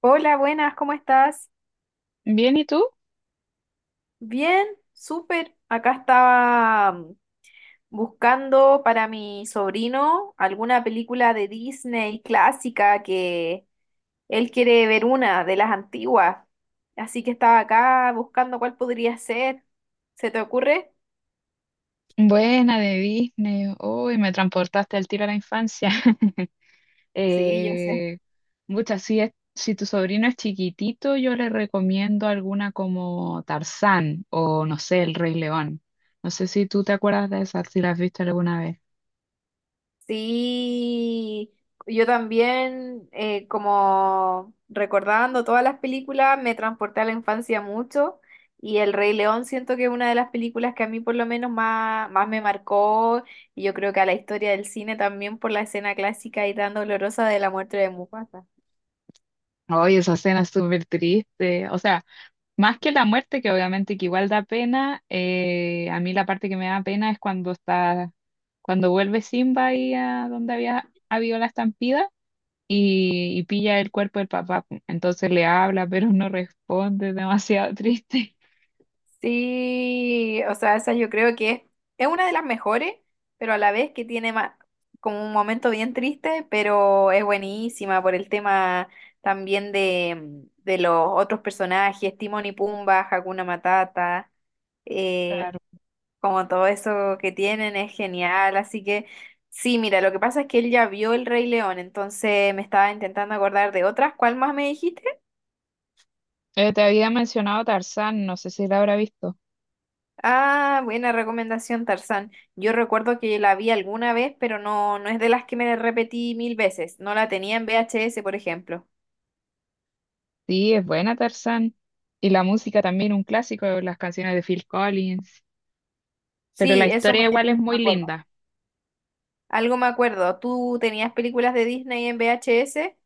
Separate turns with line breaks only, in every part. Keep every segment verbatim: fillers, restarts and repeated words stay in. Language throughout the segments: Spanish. Hola, buenas, ¿cómo estás?
Bien, ¿y tú?
Bien, súper. Acá estaba mm, buscando para mi sobrino alguna película de Disney clásica que él quiere ver una de las antiguas. Así que estaba acá buscando cuál podría ser. ¿Se te ocurre?
Buena de Disney. Uy, me transportaste al tiro a la infancia.
Sí, yo sé.
Eh, mucha, si, es- si tu sobrino es chiquitito, yo le recomiendo alguna como Tarzán o no sé, El Rey León. No sé si tú te acuerdas de esa, si la has visto alguna vez.
Sí, yo también, eh, como recordando todas las películas, me transporté a la infancia mucho y El Rey León siento que es una de las películas que a mí por lo menos más, más me marcó, y yo creo que a la historia del cine también, por la escena clásica y tan dolorosa de la muerte de Mufasa.
Oye, esa escena es súper triste. O sea, más que la muerte, que obviamente que igual da pena, eh, a mí la parte que me da pena es cuando está, cuando vuelve Simba ahí a donde había habido la estampida y, y pilla el cuerpo del papá, pu. entonces le habla, pero no responde, demasiado triste.
Sí, o sea, esa yo creo que es, es una de las mejores, pero a la vez que tiene ma- como un momento bien triste, pero es buenísima por el tema también de, de los otros personajes, Timón y Pumba, Hakuna Matata, eh,
Claro.
como todo eso que tienen es genial, así que sí. Mira, lo que pasa es que él ya vio El Rey León, entonces me estaba intentando acordar de otras. ¿Cuál más me dijiste?
Eh, te había mencionado Tarzán, no sé si la habrá visto.
Ah, buena recomendación, Tarzán. Yo recuerdo que la vi alguna vez, pero no, no es de las que me repetí mil veces. No la tenía en V H S, por ejemplo.
Sí, es buena Tarzán. Y la música también, un clásico, las canciones de Phil Collins. Pero la
Sí, eso
historia
me,
igual es
me
muy
acuerdo.
linda.
Algo me acuerdo. ¿Tú tenías películas de Disney en V H S?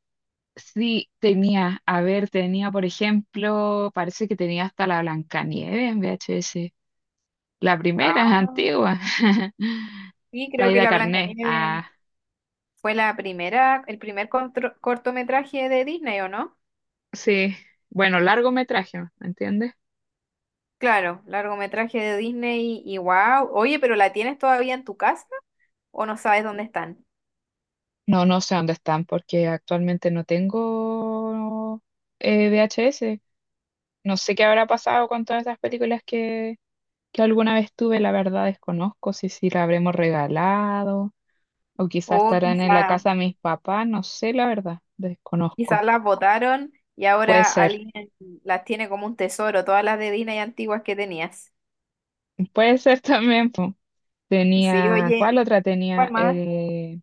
Sí, tenía, a ver, tenía, por ejemplo, parece que tenía hasta la Blancanieves en V H S. La primera,
Ah,
antigua.
sí, creo que
Caída
la
Carné.
Blancanieves
Ah,
fue la primera, el primer contro- cortometraje de Disney, ¿o no?
sí. Bueno, largometraje, ¿me entiendes?
Claro, largometraje de Disney. Y wow, oye, pero ¿la tienes todavía en tu casa o no sabes dónde están?
No, no sé dónde están porque actualmente no tengo eh, V H S. No sé qué habrá pasado con todas esas películas que, que alguna vez tuve, la verdad desconozco si, si la habremos regalado o quizás
O
estarán en la
quizás.
casa de mis papás, no sé, la verdad,
Quizás
desconozco.
las botaron y
Puede
ahora
ser,
alguien las tiene como un tesoro, todas las de Disney antiguas que tenías.
puede ser también, po.
Sí,
Tenía, ¿cuál
oye,
otra tenía?
¿cuál más?
Eh,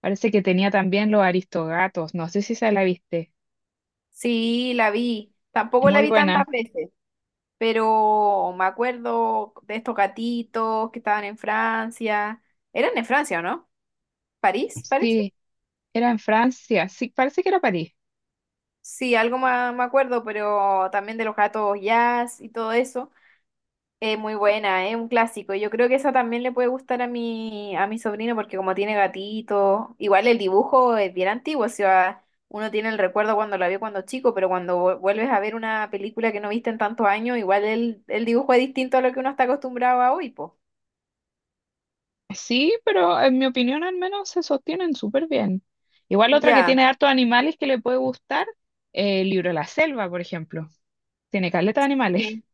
parece que tenía también Los Aristogatos, no sé si se la viste.
Sí, la vi. Tampoco la
Muy
vi tantas
buena,
veces, pero me acuerdo de estos gatitos que estaban en Francia. ¿Eran en Francia o no? ¿París, parece?
sí, era en Francia, sí, parece que era París.
Sí, algo más me acuerdo, pero también de los gatos jazz y todo eso. Eh, muy buena, es un clásico. Yo creo que esa también le puede gustar a mi, a mi sobrino, porque como tiene gatito, igual el dibujo es bien antiguo. O sea, uno tiene el recuerdo cuando la vio cuando chico, pero cuando vu- vuelves a ver una película que no viste en tantos años, igual el, el dibujo es distinto a lo que uno está acostumbrado a hoy, po.
Sí, pero en mi opinión al menos se sostienen súper bien. Igual otra que
Ya,
tiene hartos animales que le puede gustar, eh, el libro de la selva, por ejemplo. Tiene caleta de animales.
sí.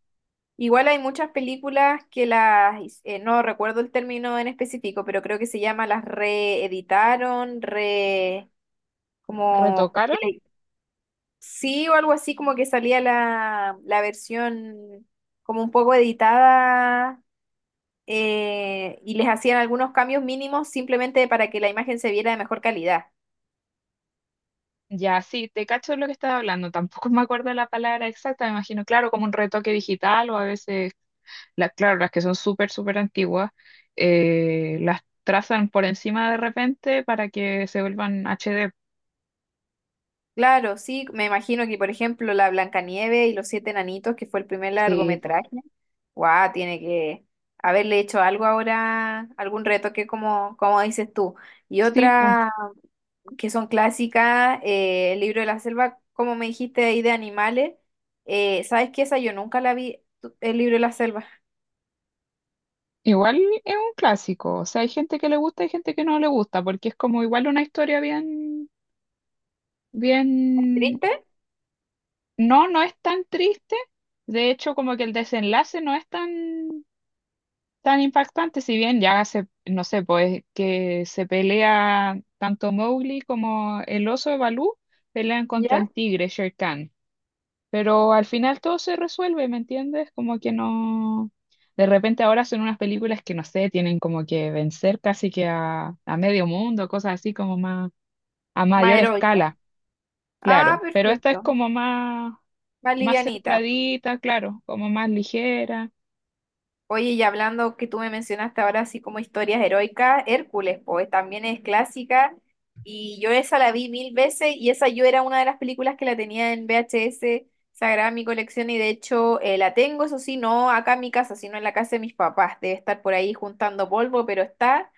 Igual hay muchas películas que las, his- eh, no recuerdo el término en específico, pero creo que se llama las reeditaron, re, como.
¿Retocaron?
Sí, o algo así, como que salía la, la versión como un poco editada, eh, y les hacían algunos cambios mínimos simplemente para que la imagen se viera de mejor calidad.
Ya, sí, te cacho lo que estaba hablando. Tampoco me acuerdo la palabra exacta, me imagino, claro, como un retoque digital o a veces, las claro, las que son súper, súper antiguas, eh, las trazan por encima de repente para que se vuelvan H D.
Claro, sí, me imagino que por ejemplo la Blancanieve y los siete enanitos, que fue el primer
Sí, pues.
largometraje, guau, tiene que haberle hecho algo ahora, algún retoque como, como dices tú. Y
Sí, po.
otra que son clásicas, eh, El libro de la selva, como me dijiste ahí de animales. Eh, ¿sabes qué? Esa yo nunca la vi, tu- El libro de la selva.
Igual es un clásico, o sea, hay gente que le gusta hay gente que no le gusta, porque es como igual una historia bien, bien,
¿Triste?
no, no es tan triste, de hecho como que el desenlace no es tan, tan impactante, si bien ya se, no sé, pues que se pelea tanto Mowgli como el oso de Balú, pelean contra
¿Ya?
el tigre Shere Khan. Pero al final todo se resuelve, ¿me entiendes? Como que no... De repente ahora son unas películas que, no sé, tienen como que vencer casi que a, a medio mundo, cosas así como más a
Más
mayor
heroica.
escala,
Ah,
claro. Pero esta es
perfecto.
como más,
Más
más
livianita.
centradita, claro, como más ligera.
Oye, y hablando que tú me mencionaste ahora así como historias heroicas, Hércules, pues también es clásica, y yo esa la vi mil veces, y esa yo era una de las películas que la tenía en V H S sagrada en mi colección. Y de hecho, eh, la tengo, eso sí, no acá en mi casa, sino en la casa de mis papás, debe estar por ahí juntando polvo, pero está.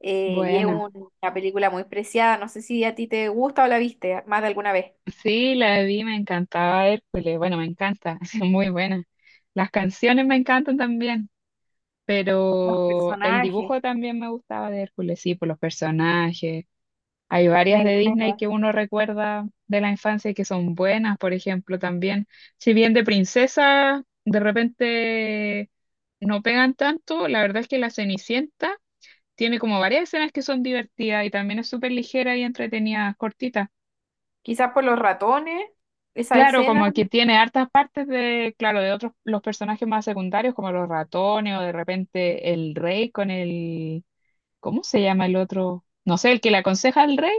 Eh, y es
Buena.
un- una película muy preciada, no sé si a ti te gusta o la viste más de alguna vez.
Sí, la vi, me encantaba Hércules, bueno, me encanta, es muy buena. Las canciones me encantan también,
Los
pero el
personajes,
dibujo también me gustaba de Hércules, sí, por los personajes. Hay
me
varias de Disney
encanta.
que uno recuerda de la infancia y que son buenas, por ejemplo, también. Si bien de princesa, de repente no pegan tanto, la verdad es que La Cenicienta tiene como varias escenas que son divertidas y también es súper ligera y entretenida, cortita.
Quizás por los ratones, esa
Claro,
escena,
como que tiene hartas partes de, claro, de otros, los personajes más secundarios, como los ratones o de repente el rey con el ¿cómo se llama el otro? No sé, el que le aconseja al rey.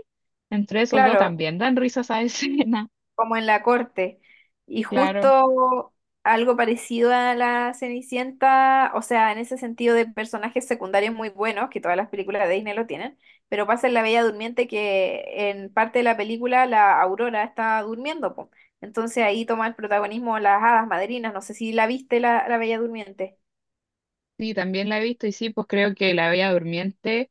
Entre esos dos
claro,
también dan risas a esa escena,
como en la corte. Y
claro.
justo algo parecido a la Cenicienta, o sea, en ese sentido de personajes secundarios muy buenos, que todas las películas de Disney lo tienen, pero pasa en La Bella Durmiente que en parte de la película la Aurora está durmiendo, po. Entonces ahí toma el protagonismo las hadas madrinas, no sé si la viste la, la Bella Durmiente.
Sí, también la he visto y sí, pues creo que la Bella Durmiente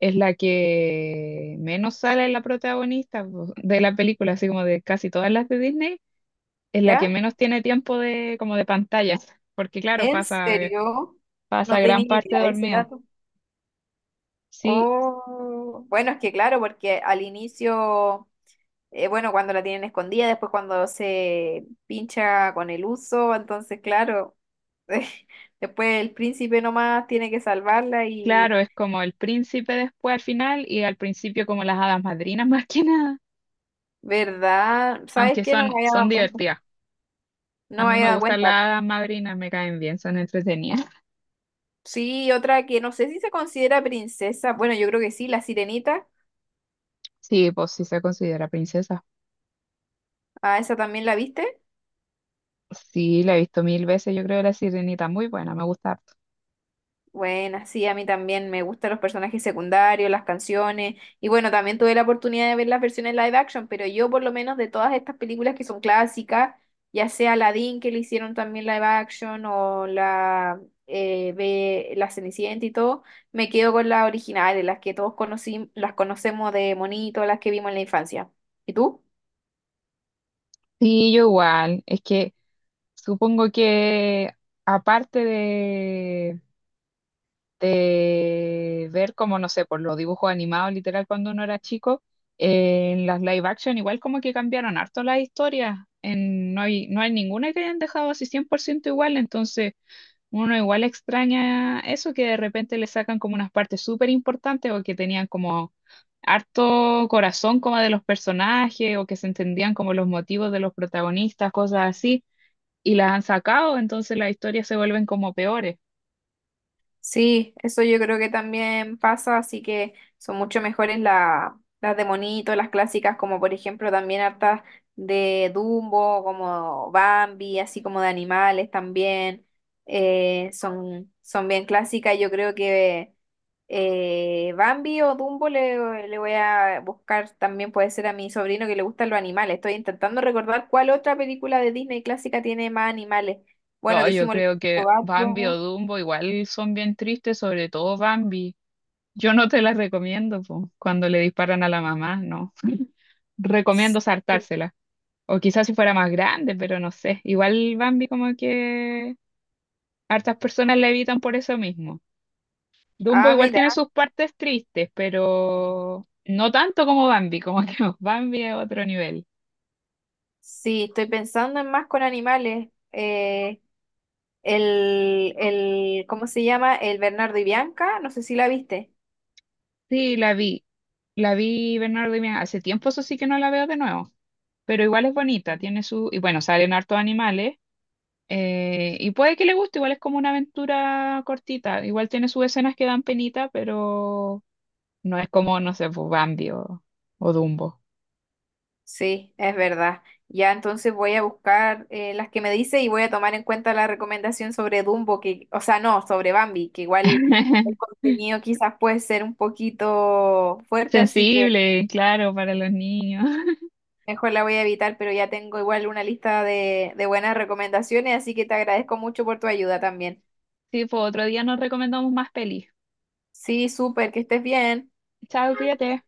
es la que menos sale la protagonista pues, de la película, así como de casi todas las de Disney, es la que
¿Ya?
menos tiene tiempo de como de pantallas, porque claro,
¿En
pasa
serio?
pasa
No tenía
gran
ni
parte
idea de ese
dormida.
dato.
Sí,
Oh, bueno, es que claro, porque al inicio... Eh, bueno, cuando la tienen escondida, después cuando se pincha con el uso, entonces claro, después el príncipe nomás tiene que salvarla y,
claro, es como el príncipe después al final y al principio como las hadas madrinas más que nada,
¿verdad? ¿Sabes
aunque
qué? No
son
me había dado
son
cuenta.
divertidas. A
No me
mí
había
me
dado
gusta
cuenta.
la hada madrina, me caen bien, son entretenidas.
Sí, otra que no sé si se considera princesa. Bueno, yo creo que sí, la sirenita.
Sí, pues sí se considera princesa.
Ah, esa también la viste.
Sí, la he visto mil veces, yo creo la sirenita muy buena, me gusta harto.
Buena, sí, a mí también me gustan los personajes secundarios, las canciones, y bueno, también tuve la oportunidad de ver las versiones live action, pero yo por lo menos de todas estas películas que son clásicas, ya sea Aladdin, que le hicieron también live action, o la, eh, Be- la Cenicienta y todo, me quedo con las originales, las que todos conocí, las conocemos de monito, las que vimos en la infancia. ¿Y tú?
Sí, yo igual, es que supongo que aparte de, de ver como, no sé, por los dibujos animados, literal, cuando uno era chico, eh, en las live action igual como que cambiaron harto las historias, en, no hay, no hay ninguna que hayan dejado así cien por ciento igual, entonces... Uno igual extraña eso, que de repente le sacan como unas partes súper importantes o que tenían como harto corazón como de los personajes o que se entendían como los motivos de los protagonistas, cosas así, y las han sacado, entonces las historias se vuelven como peores.
Sí, eso yo creo que también pasa, así que son mucho mejores la- las de monito, las clásicas, como por ejemplo también hartas de Dumbo, como Bambi, así como de animales también. Eh, son, son bien clásicas. Yo creo que eh, Bambi o Dumbo le, le voy a buscar también, puede ser a mi sobrino que le gustan los animales. Estoy intentando recordar cuál otra película de Disney clásica tiene más animales. Bueno,
No, yo
dijimos el
creo que Bambi o
Gato.
Dumbo igual son bien tristes, sobre todo Bambi. Yo no te las recomiendo, po, cuando le disparan a la mamá, no. Recomiendo saltárselas. O quizás si fuera más grande, pero no sé. Igual Bambi como que hartas personas la evitan por eso mismo. Dumbo
Ah,
igual
mira,
tiene sus partes tristes, pero no tanto como Bambi, como que Bambi es otro nivel.
sí, estoy pensando en más con animales. Eh, el, el, ¿cómo se llama? El Bernardo y Bianca, no sé si la viste.
Sí, la vi. La vi Bernardo y Bianca. Hace tiempo eso sí que no la veo de nuevo, pero igual es bonita, tiene su... Y bueno, salen hartos animales eh, y puede que le guste, igual es como una aventura cortita, igual tiene sus escenas que dan penita, pero no es como, no sé, pues, Bambi o, o Dumbo.
Sí, es verdad. Ya, entonces voy a buscar eh, las que me dice y voy a tomar en cuenta la recomendación sobre Dumbo, que, o sea, no, sobre Bambi, que igual el contenido quizás puede ser un poquito fuerte, así que
Sensible, claro, para los niños.
mejor la voy a evitar, pero ya tengo igual una lista de, de buenas recomendaciones, así que te agradezco mucho por tu ayuda también.
Sí, pues otro día nos recomendamos más pelis.
Sí, súper, que estés bien.
Chao, cuídate.